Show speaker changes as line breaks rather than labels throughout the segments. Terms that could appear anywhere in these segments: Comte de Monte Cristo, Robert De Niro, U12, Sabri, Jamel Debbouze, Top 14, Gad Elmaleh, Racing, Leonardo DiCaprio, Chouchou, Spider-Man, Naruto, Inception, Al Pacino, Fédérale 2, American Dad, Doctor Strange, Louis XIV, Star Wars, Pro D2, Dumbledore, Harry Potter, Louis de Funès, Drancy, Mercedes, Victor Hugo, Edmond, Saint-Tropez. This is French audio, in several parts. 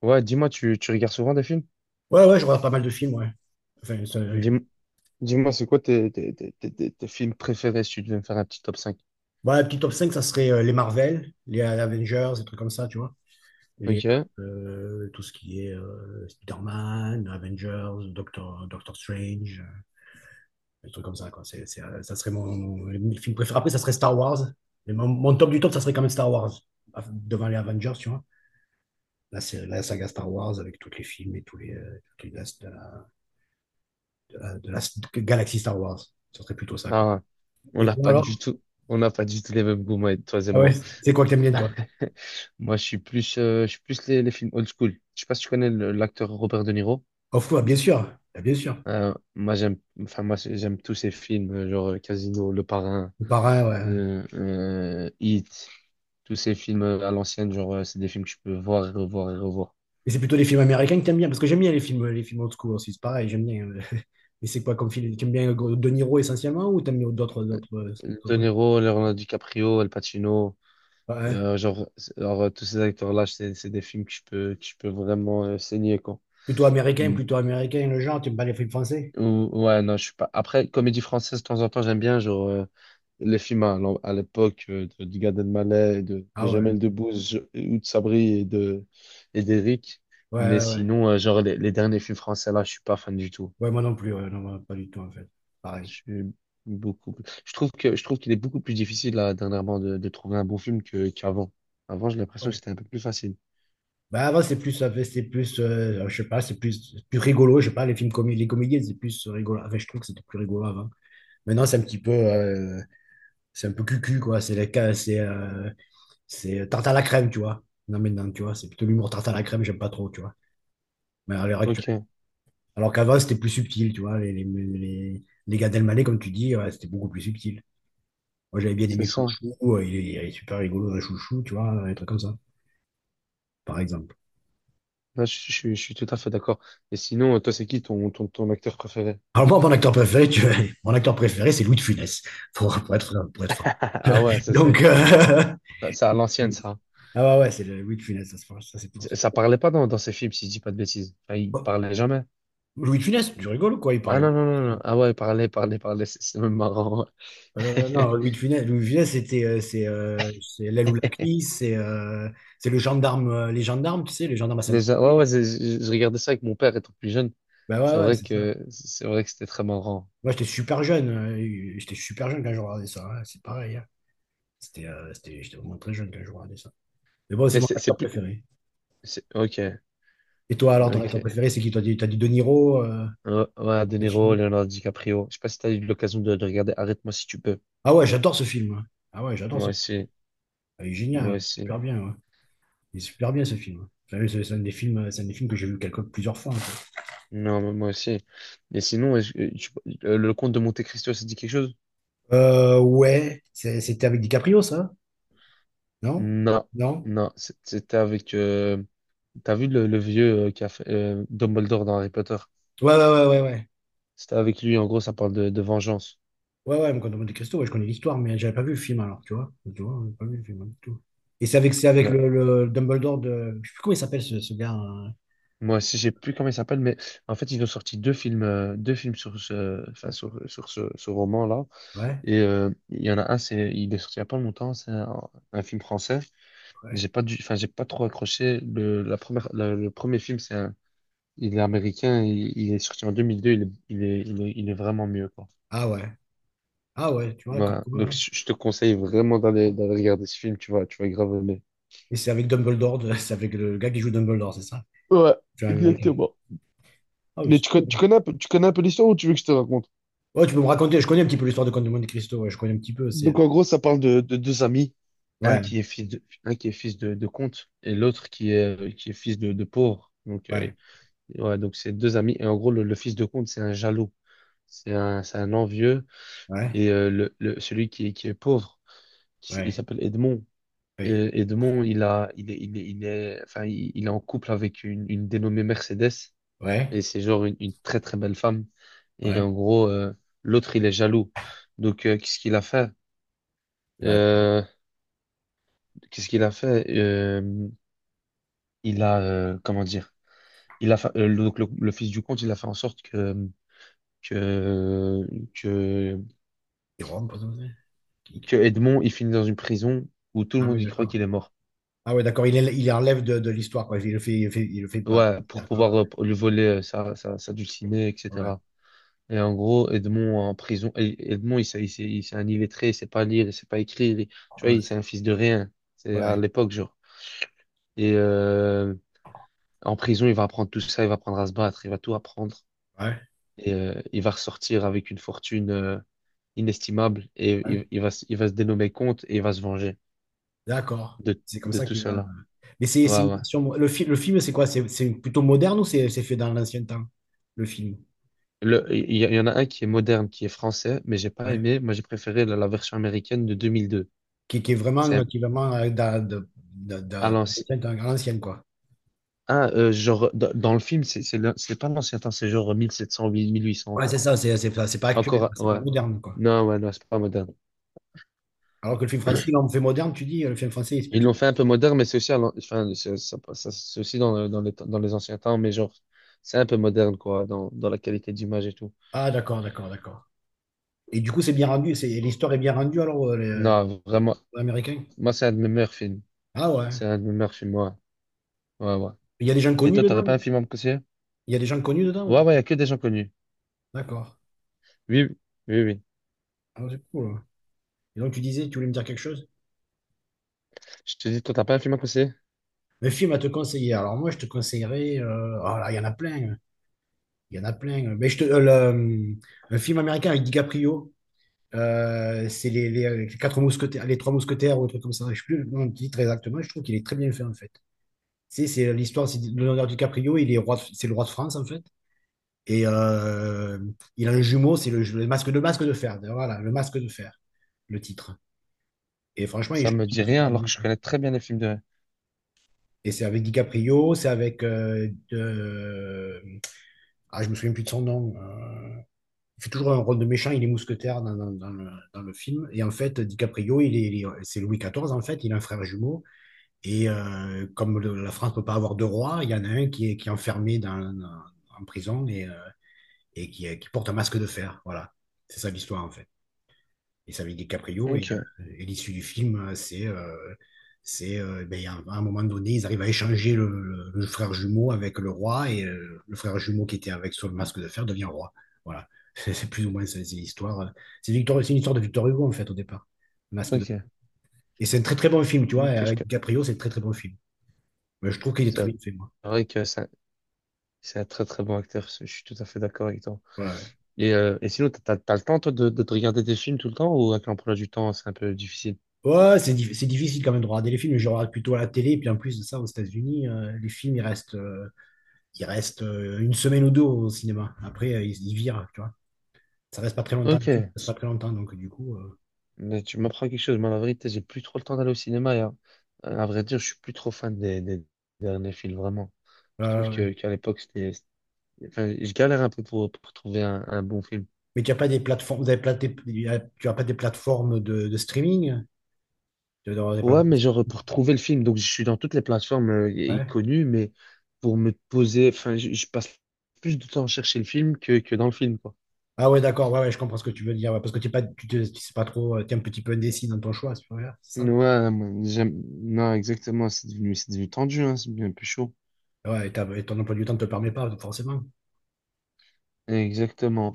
Ouais, dis-moi, tu regardes souvent des films?
Ouais, ouais, je regarde pas mal de films, ouais. Enfin,
Dis-moi, dis-moi, c'est quoi tes films préférés si tu devais me faire un petit top cinq.
bon, la petite top 5 ça serait les Marvel, les Avengers, des trucs comme ça, tu vois. Les,
Ok.
tout ce qui est Spider-Man, Avengers, Doctor Strange, des trucs comme ça, quoi. Ça serait mon film préféré. Après, ça serait Star Wars. Mais mon top du top, ça serait quand même Star Wars, devant les Avengers, tu vois. Là, c'est la saga Star Wars avec tous les films et tous les, toutes les- de la galaxie Star Wars. Ça serait plutôt ça, quoi.
Ah, on
Et
n'a
toi,
pas du
alors?
tout, on n'a pas du tout les mêmes goûts, moi, toi et
Ah ouais,
moi.
c'est quoi que t'aimes bien, toi?
Moi, je suis plus les films old school. Je sais pas si tu connais l'acteur Robert De Niro.
Off, ouais, bien sûr, ah, bien sûr.
Moi, j'aime, enfin, moi, j'aime tous ces films, genre Casino, Le Parrain,
C'est pareil, ouais.
Heat, tous ces films à l'ancienne, genre, c'est des films que je peux voir et revoir et revoir.
Mais c'est plutôt les films américains que t'aimes bien, parce que j'aime bien les films old school aussi, c'est pareil, j'aime bien. Mais c'est quoi comme film? T'aimes bien De Niro essentiellement ou t'aimes bien d'autres, d'autres, euh,
De
d'autres...
Niro, Leonardo DiCaprio, Al Pacino.
Ouais. Hein?
Genre, tous ces acteurs-là, c'est des films que je peux vraiment saigner, quoi. Hmm.
Plutôt américain, le genre, t'aimes pas les films français?
Ouais, non, je suis pas. Après, comédie française, de temps en temps, j'aime bien, genre, les films à, à l'époque de, du Gad Elmaleh, et de
Ah ouais,
Jamel Debbouze, ou de Sabri et d'Éric.
ouais,
Mais
ouais. Ouais,
sinon, genre, les derniers films français, là, je suis pas fan du tout.
ouais, moi non plus, ouais, non, moi, pas du tout en fait.
Je
Pareil.
suis beaucoup. Plus- Je trouve que je trouve qu'il est beaucoup plus difficile, là, dernièrement, de, trouver un bon film qu'avant. Avant, j'ai l'impression que
Ouais.
c'était un peu plus facile.
Bah avant c'est plus, c'est plus, je sais pas, c'est plus rigolo, je sais pas, les comédies, c'est plus rigolo. Enfin, je trouve que c'était plus rigolo avant. Maintenant c'est un petit peu, c'est un peu cucu, quoi. C'est les cas, c'est tarte à la crème, tu vois. Non, mais non, tu vois, c'est plutôt l'humour tarte à la crème, j'aime pas trop, tu vois. Mais à l'heure actuelle.
Ok,
Alors qu'avant, c'était plus subtil, tu vois. Les Gad Elmaleh, comme tu dis, ouais, c'était beaucoup plus subtil. Moi, j'avais bien
c'est
aimé
ça.
Chouchou, ouais, il est super rigolo, un Chouchou, tu vois, un truc comme ça, par exemple.
Ouais, je suis tout à fait d'accord. Et sinon, toi, c'est qui ton acteur préféré?
Alors moi, mon acteur préféré, tu vois, mon acteur préféré, c'est Louis de Funès, pour être franc, pour être franc.
Ah ouais, ça c'est
Donc,
ça à l'ancienne ça.
ah ouais, ouais, c'est le Louis de Funès, ça, c'est pour ça, c'est pour ça.
Ça parlait pas dans ces films si je dis pas de bêtises. Enfin, il
Oh,
parlait jamais.
Louis de Funès, tu rigoles, quoi, il
Ah
parlait.
non non non non. Ah ouais, il parlait parlait parlait. C'est même marrant. Ouais.
Non, Louis de Funès, c'est l'aile ou la cuisse, c'est le gendarme, les gendarmes, tu sais, les gendarmes à
Ouais ouais,
Saint-Tropez.
je regardais ça avec mon père étant plus jeune.
Ben ouais,
C'est
ouais,
vrai
c'est ça.
que c'est vrai que c'était très marrant.
Moi, j'étais super jeune quand je regardais ça, hein, c'est pareil, hein. J'étais vraiment très jeune quand je regardais ça. Mais bon, c'est
Mais
mon
c'est
acteur
plus,
préféré.
c'est ok
Et toi, alors, ton acteur
ok.
préféré, c'est qui? T'as dit De Niro,
Ouais, ouais, De Niro,
Pacino.
Leonardo DiCaprio. Je sais pas si t'as eu l'occasion de regarder. Arrête-moi si tu peux.
Ah ouais, j'adore ce film, hein. Ah ouais, j'adore ce
Moi
film.
aussi
Il est génial,
moi
super
aussi.
bien, ouais. Il est super bien ce film. Enfin, c'est un des films que j'ai vu plusieurs fois, hein.
Non, mais moi aussi. Et sinon, est-ce que le comte de Monte-Cristo, ça dit quelque chose?
Ouais, c'était avec DiCaprio, ça? Non?
Non,
Non?
non. C'était avec. T'as vu le vieux qui a fait Dumbledore dans Harry Potter?
Ouais, ouais, ouais, ouais, ouais.
C'était avec lui. En gros, ça parle de vengeance.
Ouais, ouais, quand on Monte Cristo, ouais, je connais l'histoire, mais j'avais pas vu le film alors, tu vois. Tu vois, j'avais pas vu le film, hein, du tout. Et c'est avec
Là.
le Dumbledore de. Je sais plus comment il s'appelle ce gars, hein.
Moi aussi, j'ai plus comment il s'appelle, mais en fait, ils ont sorti deux films sur ce, enfin, sur ce, roman-là.
Ouais,
Et il y en a un, il est sorti il y a pas longtemps. C'est un film français.
ouais.
J'ai pas dû, enfin, j'ai pas trop accroché. Le, la première, le premier film, c'est un. Il est américain, il est sorti en 2002, il est vraiment mieux, quoi.
Ah ouais. Ah ouais, tu vois, comme
Voilà.
quoi,
Donc,
hein.
je te conseille vraiment d'aller regarder ce film, tu vas grave aimer.
Et c'est avec Dumbledore, c'est avec le gars qui joue Dumbledore, c'est ça?
Ouais,
Tu vois, américain.
exactement.
Ah, mais
Mais
c'est
tu
cool.
connais un peu, tu connais un peu l'histoire ou tu veux que je te raconte?
Ouais, tu peux me raconter, je connais un petit peu l'histoire de Comte de Monte Cristo, ouais, je connais un petit peu, c'est.
Donc, en gros, ça parle de deux amis, un
Ouais,
qui est fils de, un qui est fils de comte et l'autre qui est fils de pauvre. Donc,
ouais,
ouais, donc c'est deux amis. Et en gros, le fils de comte, c'est un jaloux. C'est un envieux.
ouais,
Et celui qui est pauvre, il
ouais,
s'appelle Edmond.
ouais,
Et, Edmond il a, il est, il est, il est, enfin, il est en couple avec une dénommée Mercedes.
ouais,
Et c'est genre une très très belle femme. Et
ouais.
en gros, l'autre, il est jaloux. Donc, qu'est-ce qu'il a fait? Euh, qu'est-ce qu'il a fait? Comment dire? Il a, fa- le- donc le fils du comte, il a fait en sorte que, que,
Il rentre pas comme ça. Qui-
que
qui-
Edmond, il finit dans une prison où tout le
Ah oui,
monde y croit
d'accord.
qu'il est mort.
Ah ouais, d'accord, il enlève de l'histoire, quoi. Il le fait, il le fait, il le fait pas.
Ouais, pour
D'accord.
pouvoir lui voler sa dulcinée,
Ouais,
etc. Et en gros, Edmond en prison, Edmond, il s'est un illettré, il sait pas lire, il sait pas écrire, tu vois,
ouais,
il c'est un fils de rien, c'est à
ouais,
l'époque, genre. Et en prison, il va apprendre tout ça, il va apprendre à se battre, il va tout apprendre,
ouais,
et il va ressortir avec une fortune inestimable, et
ouais.
il va se dénommer comte, et il va se venger
D'accord.
de,
C'est comme ça
tout
qu'il va.
cela.
Mais c'est
Ouais,
une
ouais.
version- Le, fi- le film, c'est quoi? C'est plutôt moderne ou c'est fait dans l'ancien temps, le film?
Il y en a un qui est moderne, qui est français, mais j'ai pas
Ouais.
aimé, moi j'ai préféré la version américaine de 2002.
Qui est vraiment,
C'est
qui est vraiment dans,
à
de-
l'ancienne.
l'ancien temps, à l'ancienne, quoi.
Ah, genre, dans le film, c'est pas l'ancien temps, c'est genre 1700 1800
Ouais,
encore.
c'est ça, c'est pas, c'est pas actuel,
Encore,
c'est pas
ouais.
moderne, quoi.
Non, ouais, non, c'est pas moderne.
Alors que le film français, là, on fait moderne, tu dis, le film français, c'est
Ils
plutôt.
l'ont fait un peu moderne, mais c'est aussi, enfin, c'est aussi dans, dans, dans les anciens temps, mais genre, c'est un peu moderne, quoi, dans la qualité d'image et tout.
Ah, d'accord, d'accord, d'accord. Et du coup, c'est bien rendu, l'histoire est bien rendue alors,
Non, vraiment,
les Américains.
moi, c'est un de mes meilleurs films.
Ah ouais.
C'est un de mes meilleurs films, ouais. Ouais, ouais.
Il y a des gens
Et
connus
toi, t'aurais pas
dedans.
un film à me conseiller?
Il y a des gens connus dedans ou
Ouais,
pas?
ouais, y a que des gens connus.
D'accord.
Oui, oui, oui.
Ah, c'est cool, hein. Et donc, tu disais, tu voulais me dire quelque chose?
Je te dis, toi, t'as pas un film à me conseiller?
Le film à te conseiller. Alors, moi, je te conseillerais, oh là, il y en a plein, hein. Il y en a plein. Mais un film américain avec DiCaprio. C'est les quatre mousquetaires, les trois mousquetaires ou un truc comme ça. Je sais plus le nom du titre exactement. Je trouve qu'il est très bien fait, en fait. C'est l'histoire, c'est Leonardo DiCaprio. Il est roi, c'est le roi de France, en fait. Et il a un jumeau, c'est le masque de fer. Voilà, le masque de fer, le titre. Et franchement, il
Ça
je trouve
me
qu'il
dit
est
rien,
super
alors que
bien,
je
quoi.
connais très bien les films de.
Et c'est avec DiCaprio. Ah, je me souviens plus de son nom. Il fait toujours un rôle de méchant, il est mousquetaire dans le film. Et en fait, DiCaprio, c'est Louis XIV, en fait, il a un frère jumeau. Et comme la France ne peut pas avoir deux rois, il y en a un qui est enfermé en prison et qui porte un masque de fer. Voilà, c'est ça l'histoire, en fait. Et c'est avec DiCaprio. Et,
Ok,
euh, et l'issue du film, c'est ben, à un moment donné, ils arrivent à échanger le frère jumeau avec le roi. Et, le frère jumeau qui était avec sur le masque de fer devient roi. Voilà. C'est plus ou moins c'est l'histoire. C'est une histoire de Victor Hugo, en fait, au départ. Le masque de.
ok,
Et c'est un très très bon film, tu vois. Et
ok,
avec
je.
DiCaprio, c'est un très très bon film. Mais je trouve qu'il est très
C'est
bien fait, moi.
vrai que c'est un très très bon acteur, je suis tout à fait d'accord avec toi.
Ouais, ouais.
Et sinon, t'as le temps toi de te regarder des films tout le temps ou avec l'emploi du temps, c'est un peu difficile?
Ouais, c'est difficile quand même de regarder les films. Mais je regarde plutôt à la télé. Et puis en plus de ça, aux États-Unis, les films, ils restent. Il reste une semaine ou deux au cinéma. Après, ils virent, tu vois. Ça reste pas très longtemps,
Ok,
le film, ça reste pas très longtemps, donc du coup.
mais tu m'apprends quelque chose, moi la vérité, j'ai plus trop le temps d'aller au cinéma. Et, à vrai dire, je suis plus trop fan des derniers films, vraiment. Je trouve
euh,
que qu'à l'époque, c'était. Enfin, je galère un peu pour trouver un bon film.
mais tu as pas des plateformes, vous avez tu as pas des plateformes de streaming? Tu dois avoir des
Ouais,
plateformes.
mais genre pour trouver le film, donc je suis dans toutes les plateformes y- y
Ouais.
connues, mais pour me poser, enfin, je passe plus de temps à chercher le film que dans le film, quoi.
Ah ouais, d'accord, ouais, ouais, je comprends ce que tu veux dire, ouais, parce que t'es pas, tu sais pas trop, tu es un petit peu indécis dans ton choix, c'est pas vrai, c'est ça.
Ouais, moi, j'aime, non, exactement, c'est devenu tendu, hein, c'est devenu un peu chaud.
Ouais, et ton emploi du temps ne te le permet pas, forcément.
Exactement.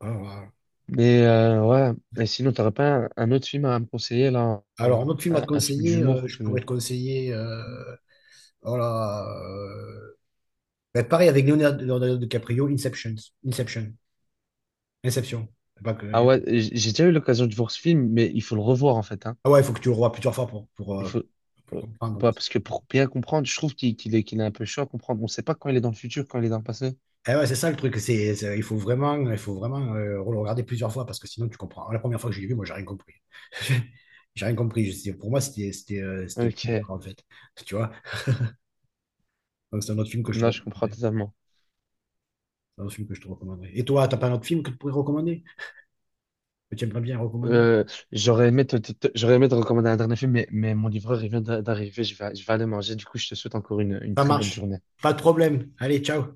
Ouais, ouais.
Mais ouais, et sinon, t'aurais pas un autre film à me conseiller, là,
Alors, un autre film à te
un film
conseiller,
d'humour que
je
tu
pourrais
veux.
te conseiller. Oh là. Mais pareil avec Leonardo DiCaprio, Inception. Inception. Inception. C'est pas
Ah
que-.
ouais, j'ai déjà eu l'occasion de voir ce film, mais il faut le revoir, en fait, hein.
Ah ouais, il faut que tu le revoies plusieurs fois
Il faut,
pour
euh,
comprendre.
bah, parce que pour bien comprendre, je trouve qu'il est un peu chaud à comprendre. On ne sait pas quand il est dans le futur, quand il est dans le passé.
Eh ouais, c'est ça le truc. Il faut vraiment le regarder plusieurs fois parce que sinon tu comprends. La première fois que je l'ai vu, moi, j'ai rien compris. J'ai rien compris. Pour moi, c'était le coup de
Ok,
barre, en fait. Tu vois? Donc, c'est un autre film que je te
non, je comprends
recommanderais.
totalement.
C'est un autre film que je te recommanderais. Et toi, t'as pas un autre film que tu pourrais recommander? Que tu aimerais bien recommander?
Euh, j'aurais aimé te recommander un dernier film, mais mon livreur, il vient d'arriver. Je vais aller manger. Du coup, je te souhaite encore une
Ça
très bonne
marche.
journée.
Pas de problème. Allez, ciao.